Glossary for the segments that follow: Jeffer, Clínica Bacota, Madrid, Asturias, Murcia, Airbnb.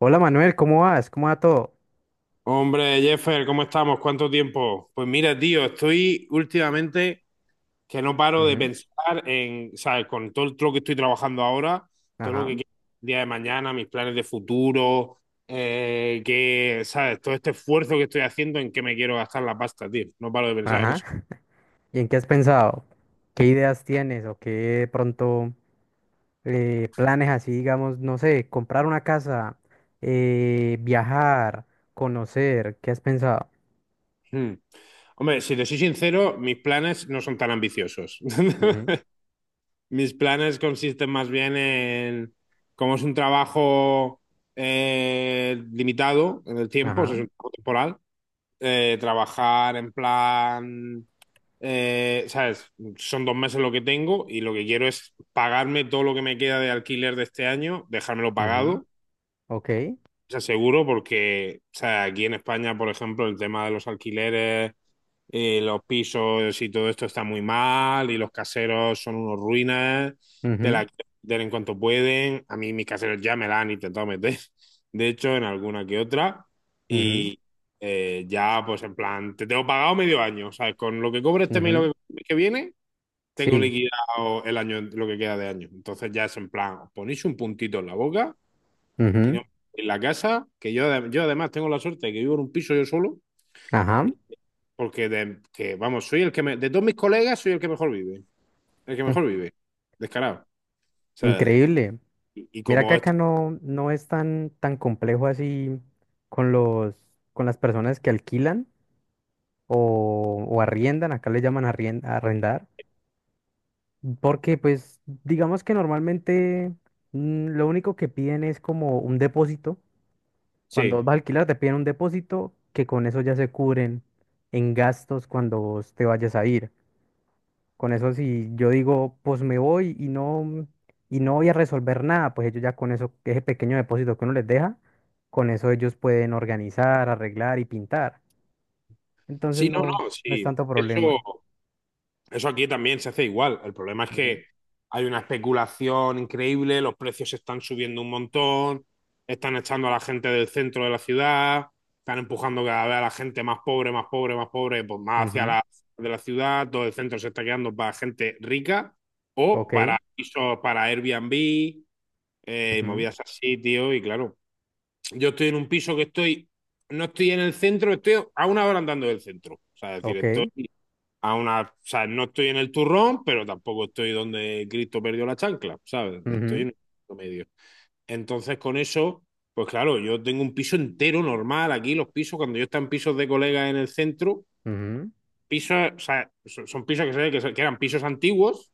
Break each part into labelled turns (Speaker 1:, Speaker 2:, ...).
Speaker 1: Hola Manuel, ¿cómo vas? ¿Cómo va todo?
Speaker 2: Hombre, Jeffer, ¿cómo estamos? ¿Cuánto tiempo? Pues mira, tío, estoy últimamente que no paro de
Speaker 1: Ujú.
Speaker 2: pensar en, ¿sabes? Con todo lo que estoy trabajando ahora, todo lo
Speaker 1: Ajá,
Speaker 2: que quiero el día de mañana, mis planes de futuro, que, ¿sabes? Todo este esfuerzo que estoy haciendo en qué me quiero gastar la pasta, tío. No paro de pensar en eso.
Speaker 1: ajá. ¿Y en qué has pensado? ¿Qué ideas tienes o qué de pronto planes así, digamos, no sé, comprar una casa, viajar, conocer? ¿Qué has pensado?
Speaker 2: Hmm. Hombre, si te soy sincero, mis planes no son tan ambiciosos.
Speaker 1: Ujú,
Speaker 2: Mis planes consisten más bien en, como es un trabajo limitado en el tiempo, o sea,
Speaker 1: ajá,
Speaker 2: es un trabajo temporal, trabajar en plan, ¿sabes? Son dos meses lo que tengo y lo que quiero es pagarme todo lo que me queda de alquiler de este año, dejármelo
Speaker 1: ujú,
Speaker 2: pagado
Speaker 1: ok.
Speaker 2: sea, seguro porque, o sea, aquí en España, por ejemplo, el tema de los alquileres, los pisos y todo esto está muy mal y los caseros son unos ruinas, te
Speaker 1: Ujú,
Speaker 2: la quieren meter en cuanto pueden. A mí mis caseros ya me la han intentado meter, de hecho, en alguna que otra.
Speaker 1: ujú,
Speaker 2: Y ya, pues en plan, te tengo pagado medio año, ¿sabes? Con lo que cobre este mes y lo
Speaker 1: ujú,
Speaker 2: que viene, tengo
Speaker 1: sí,
Speaker 2: liquidado el año, lo que queda de año. Entonces ya es en plan, os ponéis un puntito en la boca y
Speaker 1: ujú,
Speaker 2: no, en la casa, que yo, yo además tengo la suerte de que vivo en un piso yo solo,
Speaker 1: ajá,
Speaker 2: porque de, que, vamos, soy el que me- de todos mis colegas soy el que mejor vive, el que
Speaker 1: ujú.
Speaker 2: mejor vive, descarado. O sea,
Speaker 1: Increíble.
Speaker 2: y
Speaker 1: Mira que
Speaker 2: como esta.
Speaker 1: acá no es tan, tan complejo así con los, con las personas que alquilan, o arriendan, acá le llaman arrendar, porque pues digamos que normalmente lo único que piden es como un depósito, cuando
Speaker 2: Sí,
Speaker 1: vas a alquilar te piden un depósito que con eso ya se cubren en gastos cuando vos te vayas a ir. Con eso si yo digo, pues me voy y no voy a resolver nada, pues ellos ya con eso, ese pequeño depósito que uno les deja, con eso ellos pueden organizar, arreglar y pintar. Entonces
Speaker 2: sí, no,
Speaker 1: no,
Speaker 2: no,
Speaker 1: no es
Speaker 2: sí,
Speaker 1: tanto
Speaker 2: eso,
Speaker 1: problema.
Speaker 2: Eso aquí también se hace igual. El problema es
Speaker 1: Ujú,
Speaker 2: que hay una especulación increíble, los precios están subiendo un montón, están echando a la gente del centro de la ciudad, están empujando cada vez a la gente más pobre, más pobre, más pobre, pues más hacia la de la ciudad, todo el centro se está quedando para gente rica
Speaker 1: ok,
Speaker 2: o para pisos, para Airbnb, y
Speaker 1: ujú,
Speaker 2: movidas así, tío, y claro, yo estoy en un piso que estoy, no estoy en el centro, estoy a una hora andando del centro, o sea, es decir, estoy
Speaker 1: ok,
Speaker 2: a una, o sea, no estoy en el turrón, pero tampoco estoy donde Cristo perdió la chancla, ¿sabes? Estoy
Speaker 1: ujú,
Speaker 2: en el medio. Entonces, con eso, pues claro, yo tengo un piso entero normal aquí, los pisos, cuando yo estaba en pisos de colegas en el centro,
Speaker 1: ujú,
Speaker 2: pisos, o sea, son, son pisos que, se ve que, que eran pisos antiguos,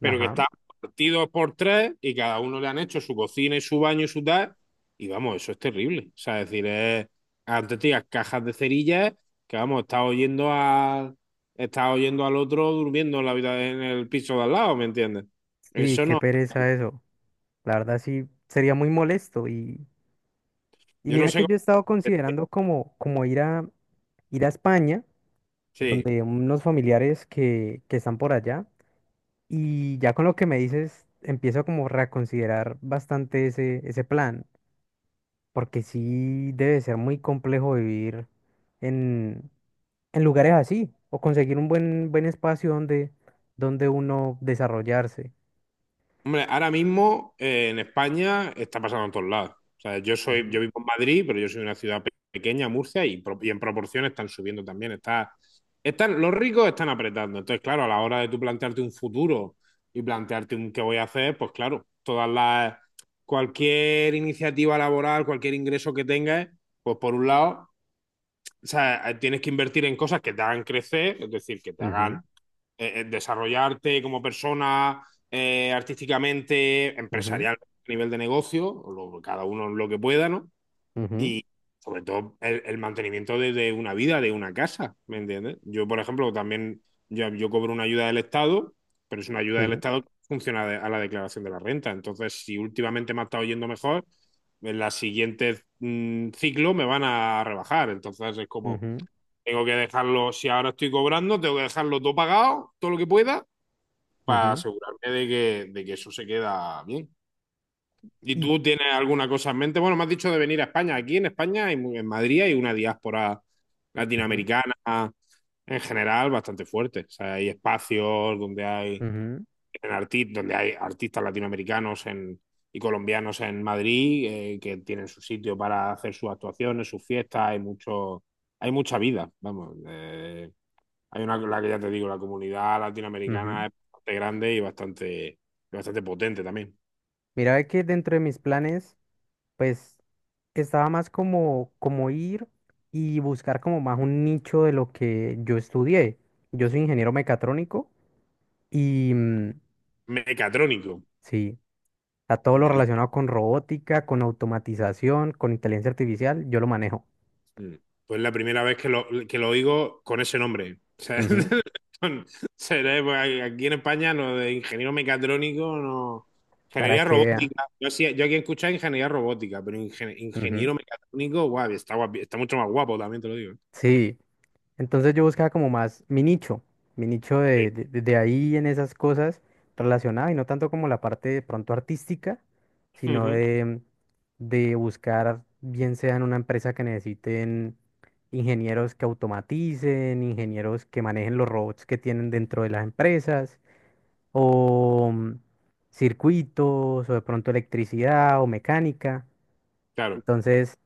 Speaker 2: pero que
Speaker 1: ajá.
Speaker 2: están partidos por tres y cada uno le han hecho su cocina y su baño y su tal. Y vamos, eso es terrible. O sea, es decir, es, antes tenías cajas de cerillas que vamos, estás oyendo a, estás oyendo al otro durmiendo en la vida en el piso de al lado, ¿me entiendes?
Speaker 1: Sí,
Speaker 2: Eso
Speaker 1: qué
Speaker 2: no,
Speaker 1: pereza eso. La verdad sí sería muy molesto. Y
Speaker 2: yo no
Speaker 1: mira
Speaker 2: sé
Speaker 1: que yo
Speaker 2: cómo.
Speaker 1: he estado considerando como, como ir a España,
Speaker 2: Sí,
Speaker 1: donde unos familiares que están por allá. Y ya con lo que me dices, empiezo como a reconsiderar bastante ese, ese plan, porque sí debe ser muy complejo vivir en lugares así o conseguir un buen, buen espacio donde, donde uno desarrollarse.
Speaker 2: hombre, ahora mismo en España está pasando en todos lados. O sea, yo soy,
Speaker 1: Ujú,
Speaker 2: yo vivo en Madrid, pero yo soy una ciudad pequeña, Murcia, y, y en proporción están subiendo también. Está, están, los ricos están apretando. Entonces, claro, a la hora de tú plantearte un futuro y plantearte un qué voy a hacer, pues claro, todas las, cualquier iniciativa laboral, cualquier ingreso que tengas, pues por un lado, o sea, tienes que invertir en cosas que te hagan crecer, es decir, que te
Speaker 1: ujú,
Speaker 2: hagan desarrollarte como persona artísticamente,
Speaker 1: ujú,
Speaker 2: empresarial a nivel de negocio, cada uno lo que pueda, ¿no?
Speaker 1: ujú,
Speaker 2: Y sobre todo el mantenimiento de una vida, de una casa, ¿me entiendes? Yo, por ejemplo, también yo cobro una ayuda del Estado, pero es una ayuda del
Speaker 1: sí,
Speaker 2: Estado que funciona a la declaración de la renta. Entonces, si últimamente me ha estado yendo mejor, en la siguiente ciclo me van a rebajar. Entonces, es como...
Speaker 1: ujú,
Speaker 2: Tengo que dejarlo, si ahora estoy cobrando, tengo que dejarlo todo pagado, todo lo que pueda, para
Speaker 1: ujú,
Speaker 2: asegurarme de que eso se queda bien. ¿Y
Speaker 1: y
Speaker 2: tú tienes alguna cosa en mente? Bueno, me has dicho de venir a España. Aquí en España, hay en Madrid, hay una diáspora
Speaker 1: ujú,
Speaker 2: latinoamericana en general bastante fuerte. O sea, hay espacios donde hay,
Speaker 1: ujú,
Speaker 2: en donde hay artistas latinoamericanos y colombianos en Madrid que tienen su sitio para hacer sus actuaciones, sus fiestas. Hay mucho, hay mucha vida, vamos. Hay una, la que ya te digo, la comunidad
Speaker 1: ujú.
Speaker 2: latinoamericana es bastante grande y bastante, bastante potente también.
Speaker 1: Mira ve que dentro de mis planes, pues estaba más como, como ir y buscar como más un nicho de lo que yo estudié. Yo soy ingeniero mecatrónico y
Speaker 2: Mecatrónico.
Speaker 1: sí, a todo lo
Speaker 2: Coño, es la-
Speaker 1: relacionado con robótica, con automatización, con inteligencia artificial, yo lo manejo.
Speaker 2: mm. pues la primera vez que lo oigo con ese nombre. O sea,
Speaker 1: Ujú,
Speaker 2: son- pues, aquí en España lo de ingeniero mecatrónico no.
Speaker 1: para
Speaker 2: Ingeniería
Speaker 1: que vea.
Speaker 2: robótica. Yo, yo aquí he escuchado ingeniería robótica, pero
Speaker 1: Ujú.
Speaker 2: ingeniero mecatrónico, guau, está mucho más guapo, también te lo digo.
Speaker 1: Sí, entonces yo buscaba como más mi nicho
Speaker 2: Sí.
Speaker 1: de ahí en esas cosas relacionadas y no tanto como la parte de pronto artística, sino
Speaker 2: Ujú.
Speaker 1: de buscar, bien sea en una empresa que necesiten ingenieros que automaticen, ingenieros que manejen los robots que tienen dentro de las empresas, o circuitos, o de pronto electricidad o mecánica.
Speaker 2: Claro,
Speaker 1: Entonces...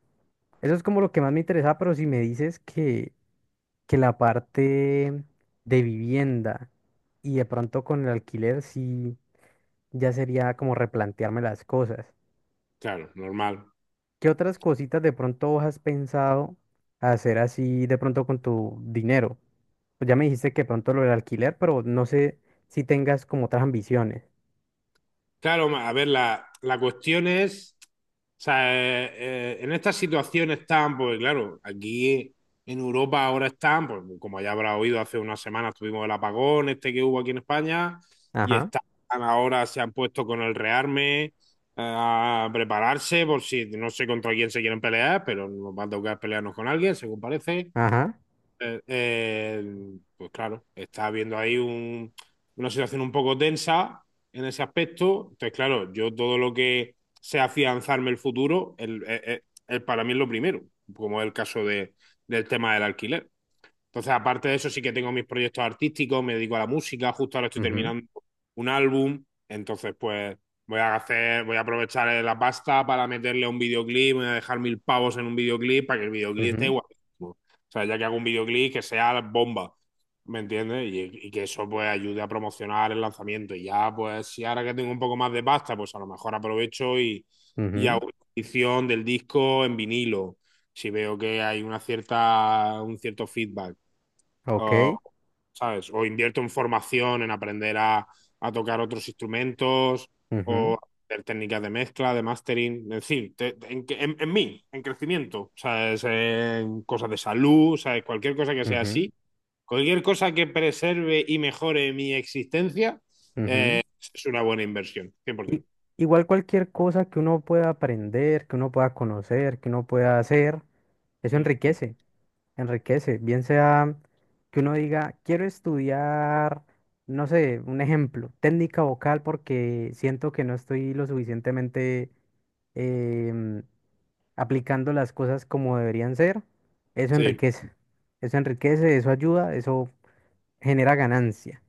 Speaker 1: Eso es como lo que más me interesaba, pero si me dices que la parte de vivienda y de pronto con el alquiler, sí, ya sería como replantearme las cosas.
Speaker 2: claro, normal.
Speaker 1: ¿Qué otras cositas de pronto vos has pensado hacer así de pronto con tu dinero? Pues ya me dijiste que pronto lo del alquiler, pero no sé si tengas como otras ambiciones.
Speaker 2: Claro, a ver, la cuestión es, o sea, en estas situaciones tan, pues claro, aquí en Europa ahora están, pues como ya habrá oído, hace unas semanas tuvimos el apagón este que hubo aquí en España, y
Speaker 1: Ajá,
Speaker 2: están ahora, se han puesto con el rearme a prepararse por si, no sé contra quién se quieren pelear, pero nos va a tocar pelearnos con alguien, según parece.
Speaker 1: ajá,
Speaker 2: Eh, eh, pues claro, está habiendo ahí una situación un poco tensa en ese aspecto. Entonces, claro, yo todo lo que sea afianzarme el futuro, para mí es lo primero, como es el caso de, del tema del alquiler. Entonces, aparte de eso, sí que tengo mis proyectos artísticos, me dedico a la música, justo ahora estoy
Speaker 1: mhm,
Speaker 2: terminando un álbum, entonces pues voy a hacer, voy a aprovechar la pasta para meterle a un videoclip, voy a dejar mil pavos en un videoclip para que el videoclip esté
Speaker 1: mhm,
Speaker 2: guapísimo. O sea, ya que hago un videoclip que sea la bomba, ¿me entiendes? Y que eso pues ayude a promocionar el lanzamiento. Y ya pues si ahora que tengo un poco más de pasta, pues a lo mejor aprovecho y
Speaker 1: mhm,
Speaker 2: hago una edición del disco en vinilo. Si veo que hay una cierta, un cierto feedback o,
Speaker 1: ok,
Speaker 2: ¿sabes? O invierto en formación, en aprender a tocar otros instrumentos
Speaker 1: mhm,
Speaker 2: o aprender técnicas de mezcla, de mastering, es decir, en, en mí, en crecimiento, ¿sabes? En cosas de salud, ¿sabes? Cualquier cosa que sea así, cualquier cosa que preserve y mejore mi existencia
Speaker 1: mhm.
Speaker 2: es una buena inversión,
Speaker 1: I-
Speaker 2: 100%.
Speaker 1: Igual cualquier cosa que uno pueda aprender, que uno pueda conocer, que uno pueda hacer, eso
Speaker 2: Mm, mm.
Speaker 1: enriquece, enriquece. Bien sea que uno diga, quiero estudiar, no sé, un ejemplo, técnica vocal porque siento que no estoy lo suficientemente em, aplicando las cosas como deberían ser. Eso
Speaker 2: Sí,
Speaker 1: enriquece, eso enriquece, eso ayuda, eso genera ganancia.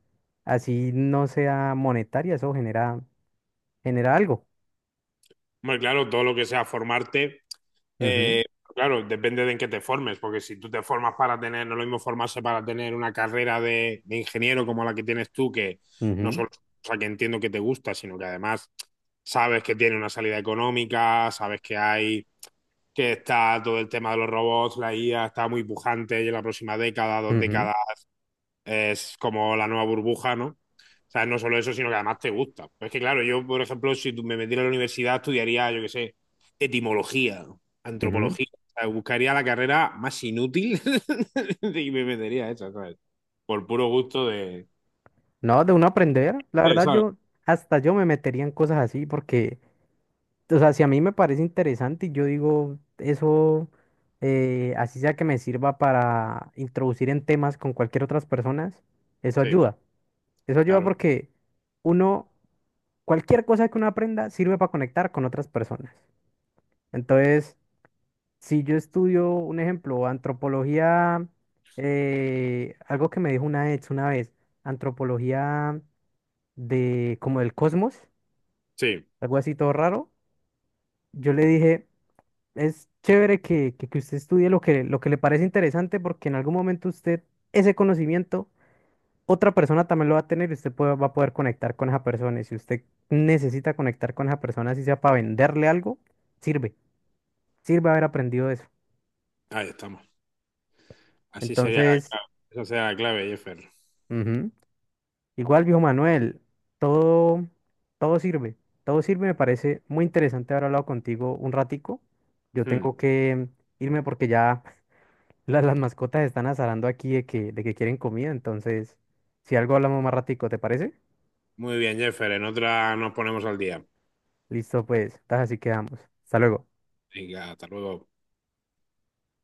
Speaker 1: Así no sea monetaria, eso genera, genera algo.
Speaker 2: muy claro, todo lo que sea formarte. Eh, claro, depende de en qué te formes, porque si tú te formas para tener, no es lo mismo formarse para tener una carrera de ingeniero como la que tienes tú, que no
Speaker 1: Ujú,
Speaker 2: solo es una cosa que entiendo que te gusta, sino que además sabes que tiene una salida económica, sabes que hay, que está todo el tema de los robots, la IA está muy pujante y en la próxima década, dos
Speaker 1: ujú,
Speaker 2: décadas es como la nueva burbuja, ¿no? O sea, no solo eso, sino que además te gusta. Pues es que, claro, yo, por ejemplo, si tú me metiera a la universidad, estudiaría, yo qué sé, etimología,
Speaker 1: ujú.
Speaker 2: antropología. O sea, buscaría la carrera más inútil y me metería a esa, ¿sabes? Por puro gusto de...
Speaker 1: No, de uno aprender, la
Speaker 2: Sí,
Speaker 1: verdad
Speaker 2: ¿sabes?
Speaker 1: yo, hasta yo me metería en cosas así porque, o sea, si a mí me parece interesante y yo digo, eso, así sea que me sirva para introducir en temas con cualquier otras personas, eso
Speaker 2: Sí,
Speaker 1: ayuda. Eso ayuda
Speaker 2: claro.
Speaker 1: porque uno, cualquier cosa que uno aprenda sirve para conectar con otras personas. Entonces, si yo estudio, un ejemplo, antropología, algo que me dijo una ex una vez, antropología de como del cosmos,
Speaker 2: Sí,
Speaker 1: algo así todo raro, yo le dije, es chévere que usted estudie lo que le parece interesante porque en algún momento usted ese conocimiento, otra persona también lo va a tener y usted va a poder conectar con esa persona. Y si usted necesita conectar con esa persona, si sea para venderle algo, sirve, sirve haber aprendido eso.
Speaker 2: ahí estamos. Así sería la
Speaker 1: Entonces...
Speaker 2: clave. Esa sería la clave, Jeffer.
Speaker 1: Ujú. Igual, viejo Manuel, todo, todo sirve, todo sirve. Me parece muy interesante haber hablado contigo un ratico. Yo
Speaker 2: Hmm.
Speaker 1: tengo que irme porque ya las mascotas están azarando aquí de que quieren comida. Entonces, si algo hablamos más ratico, ¿te parece?
Speaker 2: Muy bien, Jeffer. En otra nos ponemos al día.
Speaker 1: Listo, pues, entonces así quedamos. Hasta luego.
Speaker 2: Venga, hasta luego.